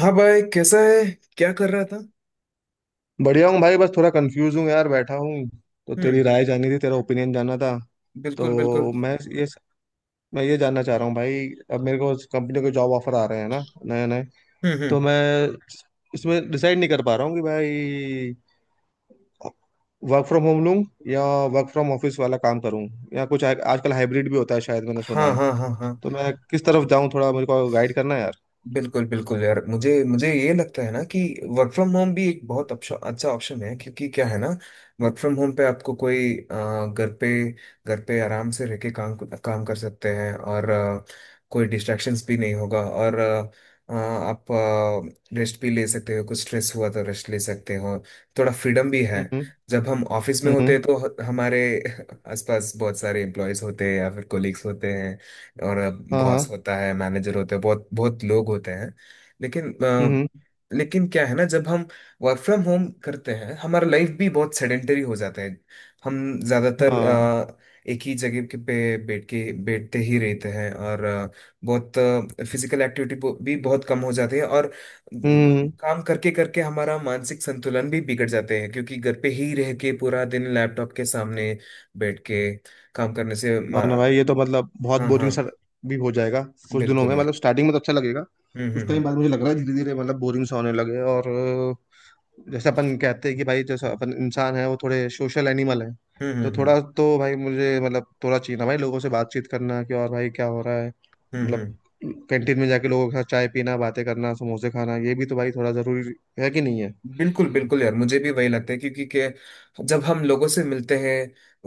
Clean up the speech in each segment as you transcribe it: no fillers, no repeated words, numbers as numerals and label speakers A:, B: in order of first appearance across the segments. A: हाँ भाई कैसा है। क्या कर रहा था।
B: बढ़िया हूँ भाई, बस थोड़ा कंफ्यूज हूँ यार, बैठा हूँ। तो
A: हम्म।
B: तेरी राय जाननी थी, तेरा ओपिनियन जानना था।
A: बिल्कुल
B: तो
A: बिल्कुल।
B: मैं ये मैं ये जानना चाह रहा हूँ भाई। अब मेरे को कंपनी के जॉब ऑफर आ रहे हैं ना, नए नए। तो
A: हम्म।
B: मैं इसमें डिसाइड नहीं कर पा रहा हूँ कि भाई वर्क फ्रॉम होम लूँ, या वर्क फ्रॉम ऑफिस वाला काम करूँ, या कुछ आजकल हाइब्रिड भी होता है शायद, मैंने सुना
A: हाँ
B: है।
A: हाँ हाँ हाँ।
B: तो मैं किस तरफ जाऊँ, थोड़ा मेरे को गाइड करना है यार।
A: बिल्कुल बिल्कुल यार मुझे मुझे ये लगता है ना कि वर्क फ्रॉम होम भी एक बहुत अच्छा अच्छा ऑप्शन है क्योंकि क्या है ना। वर्क फ्रॉम होम पे आपको कोई घर पे आराम से रह के काम काम कर सकते हैं और कोई डिस्ट्रैक्शंस भी नहीं होगा और आप रेस्ट भी ले सकते हो कुछ स्ट्रेस हुआ तो रेस्ट ले सकते हो। थोड़ा फ्रीडम भी है।
B: हम्म।
A: जब हम ऑफिस में होते
B: हम्म।
A: हैं तो हमारे आसपास बहुत सारे एम्प्लॉयज होते हैं या फिर कोलिग्स होते हैं। और
B: हाँ
A: बॉस
B: हाँ।
A: होता है मैनेजर होते हैं बहुत बहुत लोग होते हैं। लेकिन अ,
B: हम्म।
A: लेकिन क्या है ना जब हम वर्क फ्रॉम होम करते हैं हमारा लाइफ भी बहुत सेडेंटरी हो जाता है। हम ज़्यादातर
B: हाँ।
A: एक ही जगह के पे बैठ के बैठते ही रहते हैं और बहुत फिजिकल एक्टिविटी भी बहुत कम हो जाती है और
B: हम्म।
A: काम करके करके हमारा मानसिक संतुलन भी बिगड़ जाते हैं क्योंकि घर पे ही रह के पूरा दिन लैपटॉप के सामने बैठ के काम करने से
B: हाँ ना भाई, ये तो मतलब बहुत
A: हाँ
B: बोरिंग
A: हाँ।
B: सा भी हो जाएगा कुछ दिनों
A: बिल्कुल
B: में।
A: है।
B: मतलब स्टार्टिंग में तो अच्छा लगेगा,
A: हम्म
B: कुछ
A: हम्म
B: टाइम
A: हम्म
B: बाद मुझे लग रहा है धीरे धीरे मतलब बोरिंग सा होने लगे। और जैसे अपन कहते हैं कि भाई, जैसा अपन इंसान है वो थोड़े सोशल एनिमल है।
A: हम्म
B: तो
A: हम्म हम्म
B: थोड़ा तो भाई मुझे मतलब थोड़ा चाहिए ना भाई, लोगों से बातचीत करना कि और भाई क्या हो रहा है।
A: हम्म,
B: मतलब
A: हम्म।
B: कैंटीन में जाके लोगों के साथ चाय पीना, बातें करना, समोसे खाना, ये भी तो भाई थोड़ा जरूरी है कि नहीं है।
A: बिल्कुल बिल्कुल यार मुझे भी वही लगता है क्योंकि के जब हम लोगों से मिलते हैं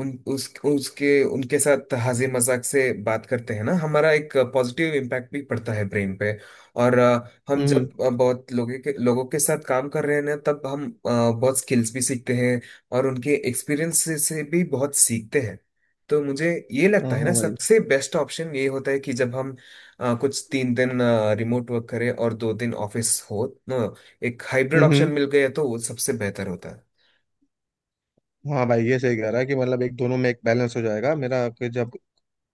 A: उन उस उसके उनके साथ हंसी मजाक से बात करते हैं ना हमारा एक पॉजिटिव इम्पैक्ट भी पड़ता है ब्रेन पे। और हम
B: हम्म।
A: जब बहुत लोगों के साथ काम कर रहे हैं ना तब हम बहुत स्किल्स भी सीखते हैं। और उनके एक्सपीरियंस से भी बहुत सीखते हैं। तो मुझे ये लगता
B: हाँ
A: है ना
B: हाँ भाई।
A: सबसे बेस्ट ऑप्शन ये होता है कि जब हम कुछ तीन दिन रिमोट वर्क करें और दो दिन ऑफिस हो। एक हाइब्रिड ऑप्शन
B: हम्म।
A: मिल गया तो वो सबसे बेहतर होता है।
B: हाँ भाई ये सही कह रहा है कि मतलब एक दोनों में एक बैलेंस हो जाएगा मेरा, कि जब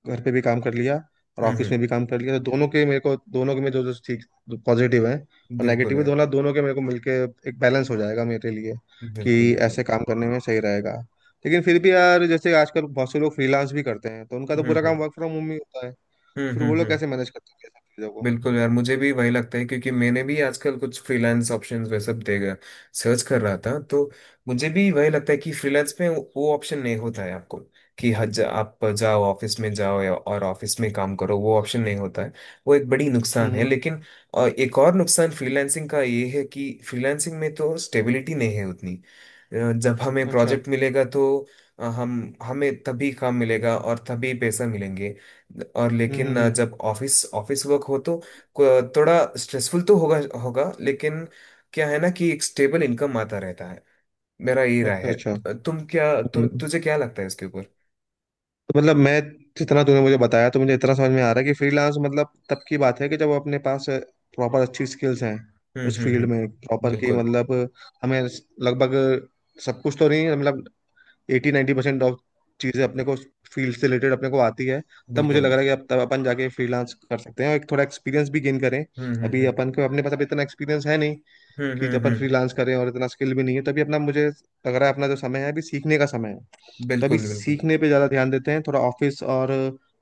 B: घर पे भी काम कर लिया और ऑफिस
A: हम्म।
B: में भी काम कर लिया, तो दोनों के मेरे को, दोनों के में जो जो ठीक पॉजिटिव है और
A: बिल्कुल
B: नेगेटिव है,
A: यार।
B: दोनों दोनों के मेरे को मिलके एक बैलेंस हो जाएगा मेरे लिए,
A: बिल्कुल
B: कि ऐसे
A: बिल्कुल।
B: काम करने में सही रहेगा। लेकिन फिर भी यार, जैसे आजकल बहुत से लोग फ्रीलांस भी करते हैं, तो उनका तो
A: हम्म
B: पूरा
A: हम्म
B: काम वर्क फ्रॉम होम ही होता है। फिर वो लोग
A: हम्म।
B: कैसे मैनेज करते हैं ये सब चीजों को?
A: बिल्कुल यार मुझे भी वही लगता है क्योंकि मैंने भी आजकल कुछ फ्रीलांस ऑप्शंस वैसे सब देगा सर्च कर रहा था तो मुझे भी वही लगता है कि फ्रीलांस में वो ऑप्शन नहीं होता है आपको कि हज आप जाओ ऑफिस में जाओ या और ऑफिस में काम करो वो ऑप्शन नहीं होता है। वो एक बड़ी नुकसान है।
B: हम्म।
A: एक और नुकसान फ्रीलांसिंग का ये है कि फ्रीलांसिंग में तो स्टेबिलिटी नहीं है उतनी। जब हमें
B: अच्छा।
A: प्रोजेक्ट मिलेगा तो अ, हम हमें तभी काम मिलेगा और तभी पैसा मिलेंगे। और लेकिन अ,
B: हम्म।
A: जब ऑफिस ऑफिस वर्क हो तो थोड़ा स्ट्रेसफुल तो होगा होगा लेकिन क्या है ना कि एक स्टेबल इनकम आता रहता है। मेरा ये राय
B: अच्छा
A: है।
B: अच्छा।
A: तुम क्या
B: हम्म।
A: तुझे क्या लगता है इसके ऊपर।
B: तो मतलब मैं, जितना तूने मुझे बताया, तो मुझे इतना समझ में आ रहा है कि फ्रीलांस मतलब तब की बात है कि जब अपने पास प्रॉपर अच्छी स्किल्स हैं, उस फील्ड में
A: हम्म।
B: प्रॉपर की
A: बिल्कुल
B: मतलब हमें लगभग सब कुछ तो नहीं, मतलब एटी 90% परसेंट ऑफ चीज़ें अपने को, फील्ड से रिलेटेड अपने को आती है, तब मुझे
A: बिल्कुल
B: लग रहा
A: यार।
B: है कि अब तब अपन जाके फ्रीलांस कर सकते हैं और एक थोड़ा एक्सपीरियंस भी गेन करें।
A: हम्म हम्म
B: अभी
A: हम्म
B: अपन को अपने पास अभी इतना एक्सपीरियंस है नहीं कि जब अपन
A: हम्म।
B: फ्रीलांस करें, और इतना स्किल भी नहीं है, तभी अपना मुझे लग रहा है अपना जो समय है अभी सीखने का समय है। कभी
A: बिल्कुल बिल्कुल।
B: सीखने पे ज़्यादा ध्यान देते हैं, थोड़ा ऑफिस और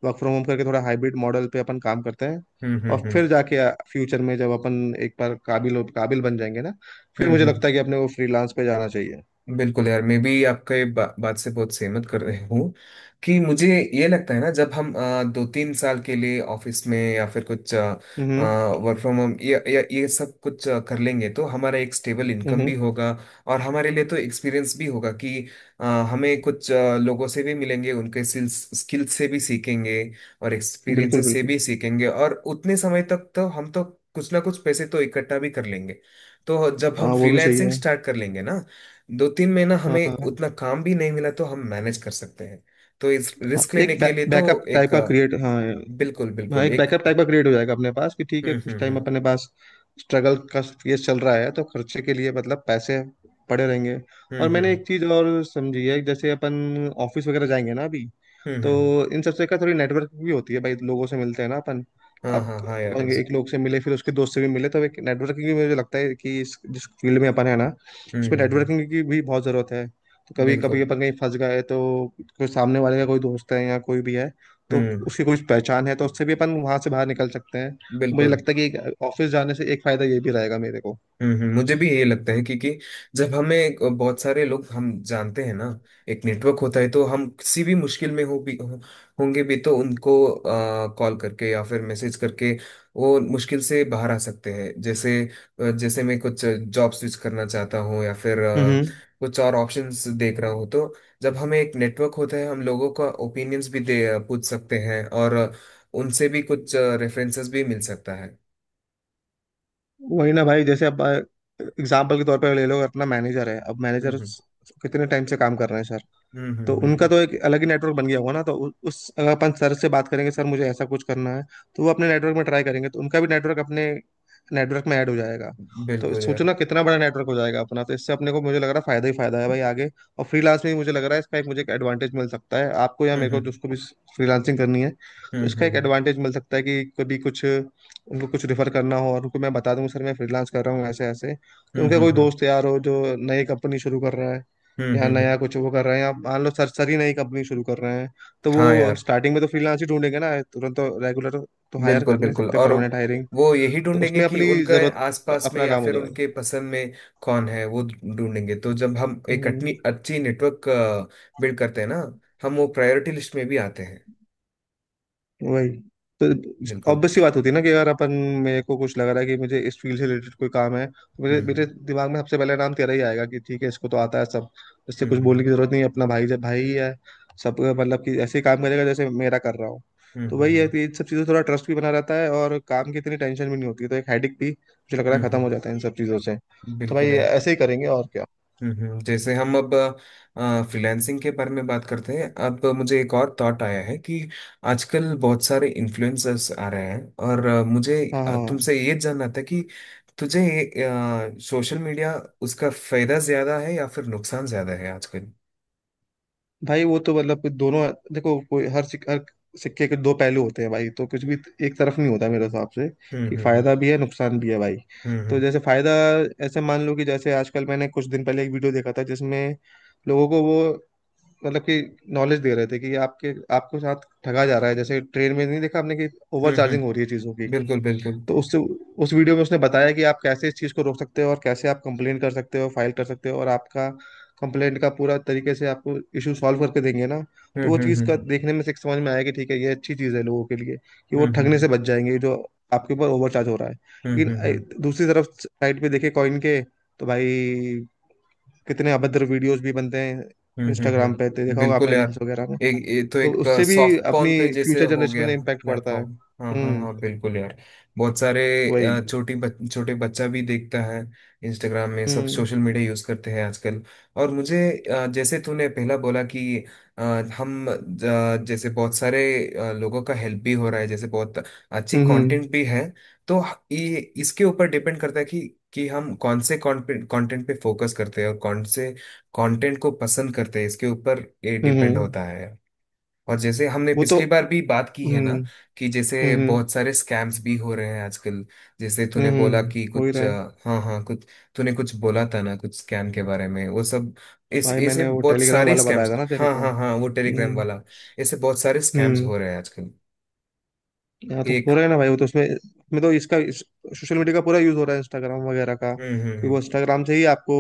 B: वर्क फ्रॉम होम करके थोड़ा हाइब्रिड मॉडल पे अपन काम करते हैं,
A: हम्म हम्म
B: और
A: हम्म
B: फिर जाके फ्यूचर में जब अपन एक बार काबिल काबिल बन जाएंगे ना, फिर मुझे
A: हम्म।
B: लगता है कि अपने को फ्रीलांस पे जाना चाहिए।
A: बिल्कुल यार मैं भी आपके बात से बहुत सहमत कर रहे हूँ कि मुझे ये लगता है ना जब हम दो तीन साल के लिए ऑफिस में या फिर कुछ
B: हम्म
A: वर्क फ्रॉम होम ये सब कुछ कर लेंगे तो हमारा एक स्टेबल इनकम
B: हम्म।
A: भी होगा। और हमारे लिए तो एक्सपीरियंस भी होगा कि अ, हमें कुछ लोगों से भी मिलेंगे उनके स्किल से भी सीखेंगे और
B: बिल्कुल
A: एक्सपीरियंसेस से
B: बिल्कुल।
A: भी सीखेंगे और उतने समय तक तो हम तो कुछ ना कुछ पैसे तो इकट्ठा भी कर लेंगे। तो जब हम
B: हाँ वो भी सही
A: फ्रीलांसिंग
B: है।
A: स्टार्ट कर लेंगे ना दो तीन महीना
B: हाँ
A: हमें
B: हाँ।
A: उतना काम भी नहीं मिला तो हम मैनेज कर सकते हैं। तो इस
B: हाँ,
A: रिस्क लेने
B: एक
A: के लिए तो
B: बैकअप टाइप
A: एक
B: का
A: अ,
B: क्रिएट, हाँ।
A: बिल्कुल
B: हाँ,
A: बिल्कुल
B: एक
A: एक।
B: बैकअप टाइप का क्रिएट हो जाएगा अपने पास, कि ठीक है
A: हम्म
B: कुछ
A: हम्म
B: टाइम
A: हम्म
B: अपने पास स्ट्रगल का ये चल रहा है, तो खर्चे के लिए मतलब पैसे पड़े रहेंगे।
A: हम्म
B: और मैंने
A: हम्म
B: एक चीज़ और समझी है, जैसे अपन ऑफिस वगैरह जाएंगे ना अभी,
A: हम्म हम्म,
B: तो
A: हम्म,
B: इन सबसे का थोड़ी नेटवर्क भी होती है भाई, लोगों से मिलते हैं ना अपन।
A: हाँ
B: अब
A: हाँ हाँ यार।
B: अपन एक लोग से मिले फिर उसके दोस्त से भी मिले, तो एक नेटवर्किंग भी, मुझे लगता है कि इस जिस फील्ड में अपन है ना, उसमें
A: हम्म।
B: नेटवर्किंग की भी बहुत ज़रूरत है। तो कभी कभी
A: बिल्कुल।
B: अपन कहीं फंस गए तो कोई सामने वाले का कोई दोस्त है या कोई भी है, तो
A: हम्म।
B: उसकी कोई पहचान है तो उससे भी अपन वहां से बाहर निकल सकते हैं। तो मुझे
A: बिल्कुल।
B: लगता है कि एक ऑफिस जाने से एक फायदा ये भी रहेगा मेरे को।
A: मुझे भी ये लगता है क्योंकि जब हमें बहुत सारे लोग हम जानते हैं ना एक नेटवर्क होता है तो हम किसी भी मुश्किल में होंगे भी तो उनको कॉल करके या फिर मैसेज करके वो मुश्किल से बाहर आ सकते हैं। जैसे जैसे मैं कुछ जॉब स्विच करना चाहता हूँ या फिर
B: हम्म।
A: कुछ और ऑप्शंस देख रहा हूँ तो जब हमें एक नेटवर्क होता है हम लोगों का ओपिनियंस भी दे पूछ सकते हैं और उनसे भी कुछ रेफरेंसेस भी मिल सकता है।
B: वही ना भाई, जैसे अब एग्जाम्पल के तौर पर ले लो, अपना मैनेजर है, अब
A: हम्म
B: मैनेजर
A: हम्म
B: कितने टाइम से काम कर रहे हैं सर,
A: हम्म
B: तो
A: हम्म
B: उनका
A: हम्म,
B: तो एक अलग ही नेटवर्क बन गया होगा ना। तो उस, अगर अपन सर से बात करेंगे सर मुझे ऐसा कुछ करना है, तो वो अपने नेटवर्क में ट्राई करेंगे, तो उनका भी नेटवर्क अपने नेटवर्क में ऐड हो जाएगा। तो
A: बिल्कुल
B: सोचो
A: यार।
B: ना कितना बड़ा नेटवर्क हो जाएगा अपना, तो इससे अपने को मुझे लग रहा है फायदा ही फायदा है भाई आगे। और फ्रीलांस में भी मुझे लग रहा है इसका एक, मुझे एक एडवांटेज मिल सकता है, आपको या मेरे को,
A: हम्म
B: जिसको भी फ्रीलांसिंग करनी है, तो
A: हम्म
B: इसका एक
A: हम्म
B: एडवांटेज मिल सकता है कि कभी कुछ उनको कुछ रिफर करना हो, और उनको मैं बता दूंगा सर मैं फ्रीलांस कर रहा हूँ ऐसे ऐसे, तो
A: हम्म
B: उनका
A: हम्म
B: कोई
A: हम्म हम्म,
B: दोस्त यार हो जो नई कंपनी शुरू कर रहा है,
A: हम्म,
B: या
A: हम्म। हम्म,
B: नया
A: हम्म।
B: कुछ वो कर रहे हैं, आप मान लो सर, सर ही नई कंपनी शुरू कर रहे हैं, तो
A: हाँ
B: वो
A: यार।
B: स्टार्टिंग में तो फ्रीलांस ही ढूंढेंगे ना, तुरंत तो रेगुलर तो हायर
A: बिल्कुल
B: कर नहीं
A: बिल्कुल।
B: सकते
A: और
B: परमानेंट हायरिंग।
A: वो यही
B: तो
A: ढूंढेंगे
B: उसमें
A: कि
B: अपनी
A: उनके
B: जरूरत का,
A: आसपास में
B: अपना
A: या
B: काम हो
A: फिर
B: जाएगा।
A: उनके पसंद में कौन है वो ढूंढेंगे। तो जब हम एक
B: हम्म।
A: अटनी अच्छी नेटवर्क बिल्ड करते हैं ना हम वो प्रायोरिटी लिस्ट में भी आते हैं।
B: वही तो,
A: बिल्कुल।
B: ऑब्वियस सी बात होती है ना कि अगर अपन, मेरे को कुछ लग रहा है कि मुझे इस फील्ड से रिलेटेड कोई काम है, तो मुझे मेरे
A: हम्म
B: दिमाग में सबसे पहले नाम तेरा ही आएगा, कि ठीक है इसको तो आता है सब, इससे
A: हम्म
B: कुछ बोलने
A: हम्म
B: की जरूरत नहीं है अपना भाई, जब भाई ही है सब, मतलब कि ऐसे ही काम करेगा जैसे मेरा कर रहा हूँ।
A: हम्म
B: तो
A: हम्म
B: वही
A: हम्म
B: है
A: हम्म,
B: कि इन सब चीज़ों से थोड़ा ट्रस्ट भी बना रहता है, और काम की इतनी टेंशन भी नहीं होती, तो एक हेडिक भी मुझे लग रहा है
A: हम्म,
B: खत्म हो
A: हम्म,
B: जाता है इन सब चीज़ों से। तो भाई
A: बिल्कुल यार।
B: ऐसे ही करेंगे और क्या।
A: जैसे हम अब फ्रीलांसिंग के बारे में बात करते हैं अब मुझे एक और थॉट आया है कि आजकल बहुत सारे इन्फ्लुएंसर्स आ रहे हैं और मुझे
B: हाँ हाँ।
A: तुमसे ये जानना था कि तुझे सोशल मीडिया उसका फायदा ज्यादा है या फिर नुकसान ज्यादा है आजकल।
B: भाई वो तो मतलब कुछ दोनों, देखो कोई हर सिक्के के दो पहलू होते हैं भाई, तो कुछ भी एक तरफ नहीं होता मेरे हिसाब से,
A: हम्म
B: कि
A: हम्म
B: फायदा भी है नुकसान भी है भाई।
A: हम्म
B: तो
A: हम्म
B: जैसे फायदा, ऐसे मान लो कि जैसे आजकल मैंने कुछ दिन पहले एक वीडियो देखा था, जिसमें लोगों को वो, मतलब कि नॉलेज दे रहे थे कि आपके आपको साथ ठगा जा रहा है। जैसे ट्रेन में नहीं देखा आपने कि ओवर
A: हम्म
B: चार्जिंग
A: हम्म,
B: हो रही है चीज़ों की,
A: बिल्कुल बिल्कुल।
B: तो उससे, उस वीडियो में उसने बताया कि आप कैसे इस चीज़ को रोक सकते हो, और कैसे आप कंप्लेन कर सकते हो, फाइल कर सकते हो, और आपका कंप्लेंट का पूरा तरीके से आपको इशू सॉल्व करके देंगे ना। तो
A: हम्म
B: वो
A: हम्म
B: चीज़ का
A: हम्म
B: देखने में से एक समझ में आया कि ठीक है ये अच्छी चीज़ है लोगों के लिए, कि वो
A: हम्म
B: ठगने
A: हम्म
B: से बच जाएंगे जो आपके ऊपर ओवरचार्ज हो रहा है।
A: हम्म
B: लेकिन
A: हम्म हम्म
B: दूसरी तरफ साइड पे देखे कॉइन के, तो भाई कितने अभद्र वीडियोस भी बनते हैं। इंस्टाग्राम पे तो देखा होगा
A: बिल्कुल
B: आपने
A: यार।
B: रील्स वगैरह में,
A: एक ये तो
B: तो
A: एक
B: उससे भी
A: सॉफ्ट
B: अपनी
A: पॉन के जैसे
B: फ्यूचर
A: हो
B: जनरेशन
A: गया
B: में इम्पैक्ट पड़ता है।
A: प्लेटफॉर्म। हाँ हाँ
B: हम्म।
A: हाँ बिल्कुल यार। बहुत सारे
B: वही।
A: छोटे बच्चा भी देखता है इंस्टाग्राम में सब
B: हम्म
A: सोशल मीडिया यूज करते हैं आजकल। और मुझे जैसे तूने पहला बोला कि अ, हम जैसे बहुत सारे लोगों का हेल्प भी हो रहा है जैसे बहुत अच्छी
B: हम्म
A: कंटेंट भी है। तो ये इसके ऊपर डिपेंड करता है कि हम कौन से कंटेंट पे फोकस करते हैं और कौन से कंटेंट को पसंद करते हैं इसके ऊपर ये डिपेंड
B: हम्म।
A: होता है। और जैसे हमने
B: वो तो।
A: पिछली बार भी बात की है ना
B: हम्म
A: कि जैसे
B: हम्म
A: बहुत सारे स्कैम्स भी हो रहे हैं आजकल। जैसे तूने बोला
B: हम्म।
A: कि
B: हो ही
A: कुछ
B: रहा है।
A: हाँ हाँ कुछ तूने कुछ बोला था ना कुछ स्कैम के बारे में वो सब इस
B: भाई
A: ऐसे
B: मैंने वो
A: बहुत
B: टेलीग्राम
A: सारे
B: वाला बताया
A: स्कैम्स।
B: था ना तेरे
A: हाँ
B: को।
A: हाँ हाँ वो टेलीग्राम
B: हम्म
A: वाला। ऐसे बहुत सारे स्कैम्स
B: हम्म।
A: हो रहे हैं आजकल।
B: यहाँ तो
A: एक
B: हो रहा है ना भाई, वो तो उसमें, तो इसका सोशल मीडिया का पूरा यूज हो रहा है, इंस्टाग्राम वगैरह का,
A: हम्म हम्म
B: क्योंकि वो
A: हम्म
B: इंस्टाग्राम से ही आपको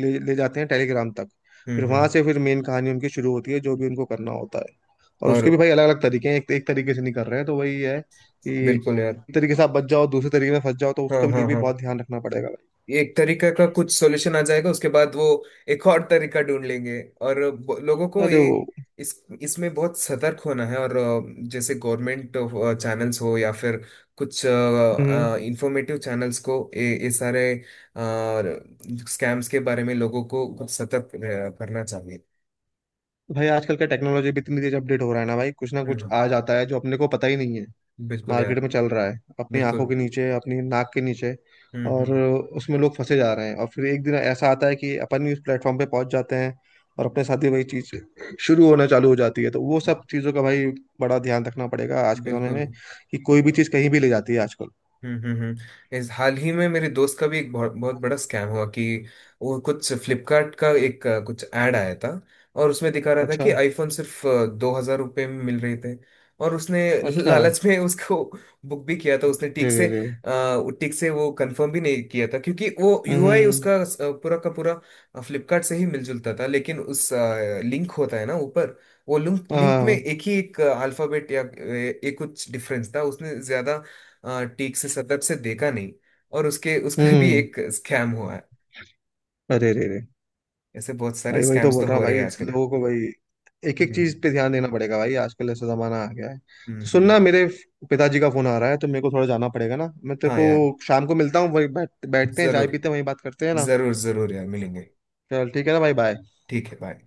B: ले ले जाते हैं टेलीग्राम तक। फिर वहां
A: हम्म।
B: से फिर मेन कहानी उनकी शुरू होती है, जो भी उनको करना होता है। और
A: और
B: उसके भी भाई अलग अलग तरीके हैं, एक, एक तरीके से नहीं कर रहे हैं, तो वही है कि
A: बिल्कुल यार।
B: एक तरीके से आप बच जाओ, दूसरे तरीके में फंस जाओ, तो
A: हाँ
B: उसका भी लिए
A: हाँ
B: भी
A: हाँ
B: बहुत ध्यान रखना पड़ेगा।
A: ये एक तरीका का कुछ सॉल्यूशन आ जाएगा उसके बाद वो एक और तरीका ढूंढ लेंगे और लोगों
B: भाई
A: को
B: अरे
A: ये
B: वो।
A: इस इसमें बहुत सतर्क होना है। और जैसे गवर्नमेंट चैनल्स हो या फिर कुछ
B: हम्म।
A: इंफॉर्मेटिव चैनल्स को ये सारे स्कैम्स के बारे में लोगों को कुछ सतर्क करना चाहिए।
B: भाई आजकल का टेक्नोलॉजी भी इतनी तेज अपडेट हो रहा है ना भाई, कुछ ना कुछ
A: हम्म।
B: आ जाता है जो अपने को पता ही नहीं है,
A: बिल्कुल
B: मार्केट
A: यार।
B: में चल रहा है अपनी आंखों
A: बिल्कुल।
B: के नीचे अपनी नाक के नीचे,
A: हम्म
B: और
A: हम्म
B: उसमें लोग फंसे जा रहे हैं, और फिर एक दिन ऐसा आता है कि अपन भी उस प्लेटफॉर्म पे पहुंच जाते हैं, और अपने साथ ही वही चीज शुरू होना चालू हो जाती है। तो वो
A: हम्म।
B: सब चीजों का भाई बड़ा ध्यान रखना पड़ेगा आज के समय
A: बिल्कुल।
B: में, कि कोई भी चीज कहीं भी ले जाती है आजकल।
A: इस हाल ही में मेरे दोस्त का भी एक बहुत बहुत बड़ा स्कैम हुआ कि वो कुछ फ्लिपकार्ट का एक कुछ ऐड आया था और उसमें दिखा रहा था कि
B: अच्छा
A: आईफोन सिर्फ 2000 रुपये में मिल रहे थे और उसने
B: अच्छा।
A: लालच में उसको बुक भी किया था। उसने
B: रे
A: ठीक से
B: रे रे।
A: वो ठीक से वो कंफर्म भी नहीं किया था क्योंकि वो यूआई
B: हम्म।
A: उसका पूरा का पूरा फ्लिपकार्ट से ही मिलजुलता था। लेकिन उस लिंक होता है ना ऊपर वो लिंक लिंक में
B: हाँ।
A: एक ही एक अल्फाबेट या एक कुछ डिफरेंस था उसने ज्यादा ठीक से सतर्क से देखा नहीं। और उसके उसका भी
B: हम्म।
A: एक स्कैम हुआ है।
B: अरे रे रे।
A: ऐसे बहुत सारे
B: भाई वही तो
A: स्कैम्स
B: बोल
A: तो
B: रहा हूँ
A: हो रहे
B: भाई,
A: हैं आजकल।
B: लोगों को भाई एक एक
A: हम्म
B: चीज पे ध्यान देना पड़ेगा भाई, आजकल ऐसा जमाना आ गया है।
A: हम्म
B: तो
A: हम्म,
B: सुनना, मेरे पिताजी का फोन आ रहा है तो मेरे को थोड़ा जाना पड़ेगा ना। मैं तेरे
A: हाँ यार।
B: को शाम को मिलता हूँ, वही बैठ बैठते हैं, चाय
A: जरूर।
B: पीते हैं, वही बात करते हैं ना।
A: जरूर यार मिलेंगे।
B: चल ठीक है ना भाई, बाय।
A: ठीक है बाय।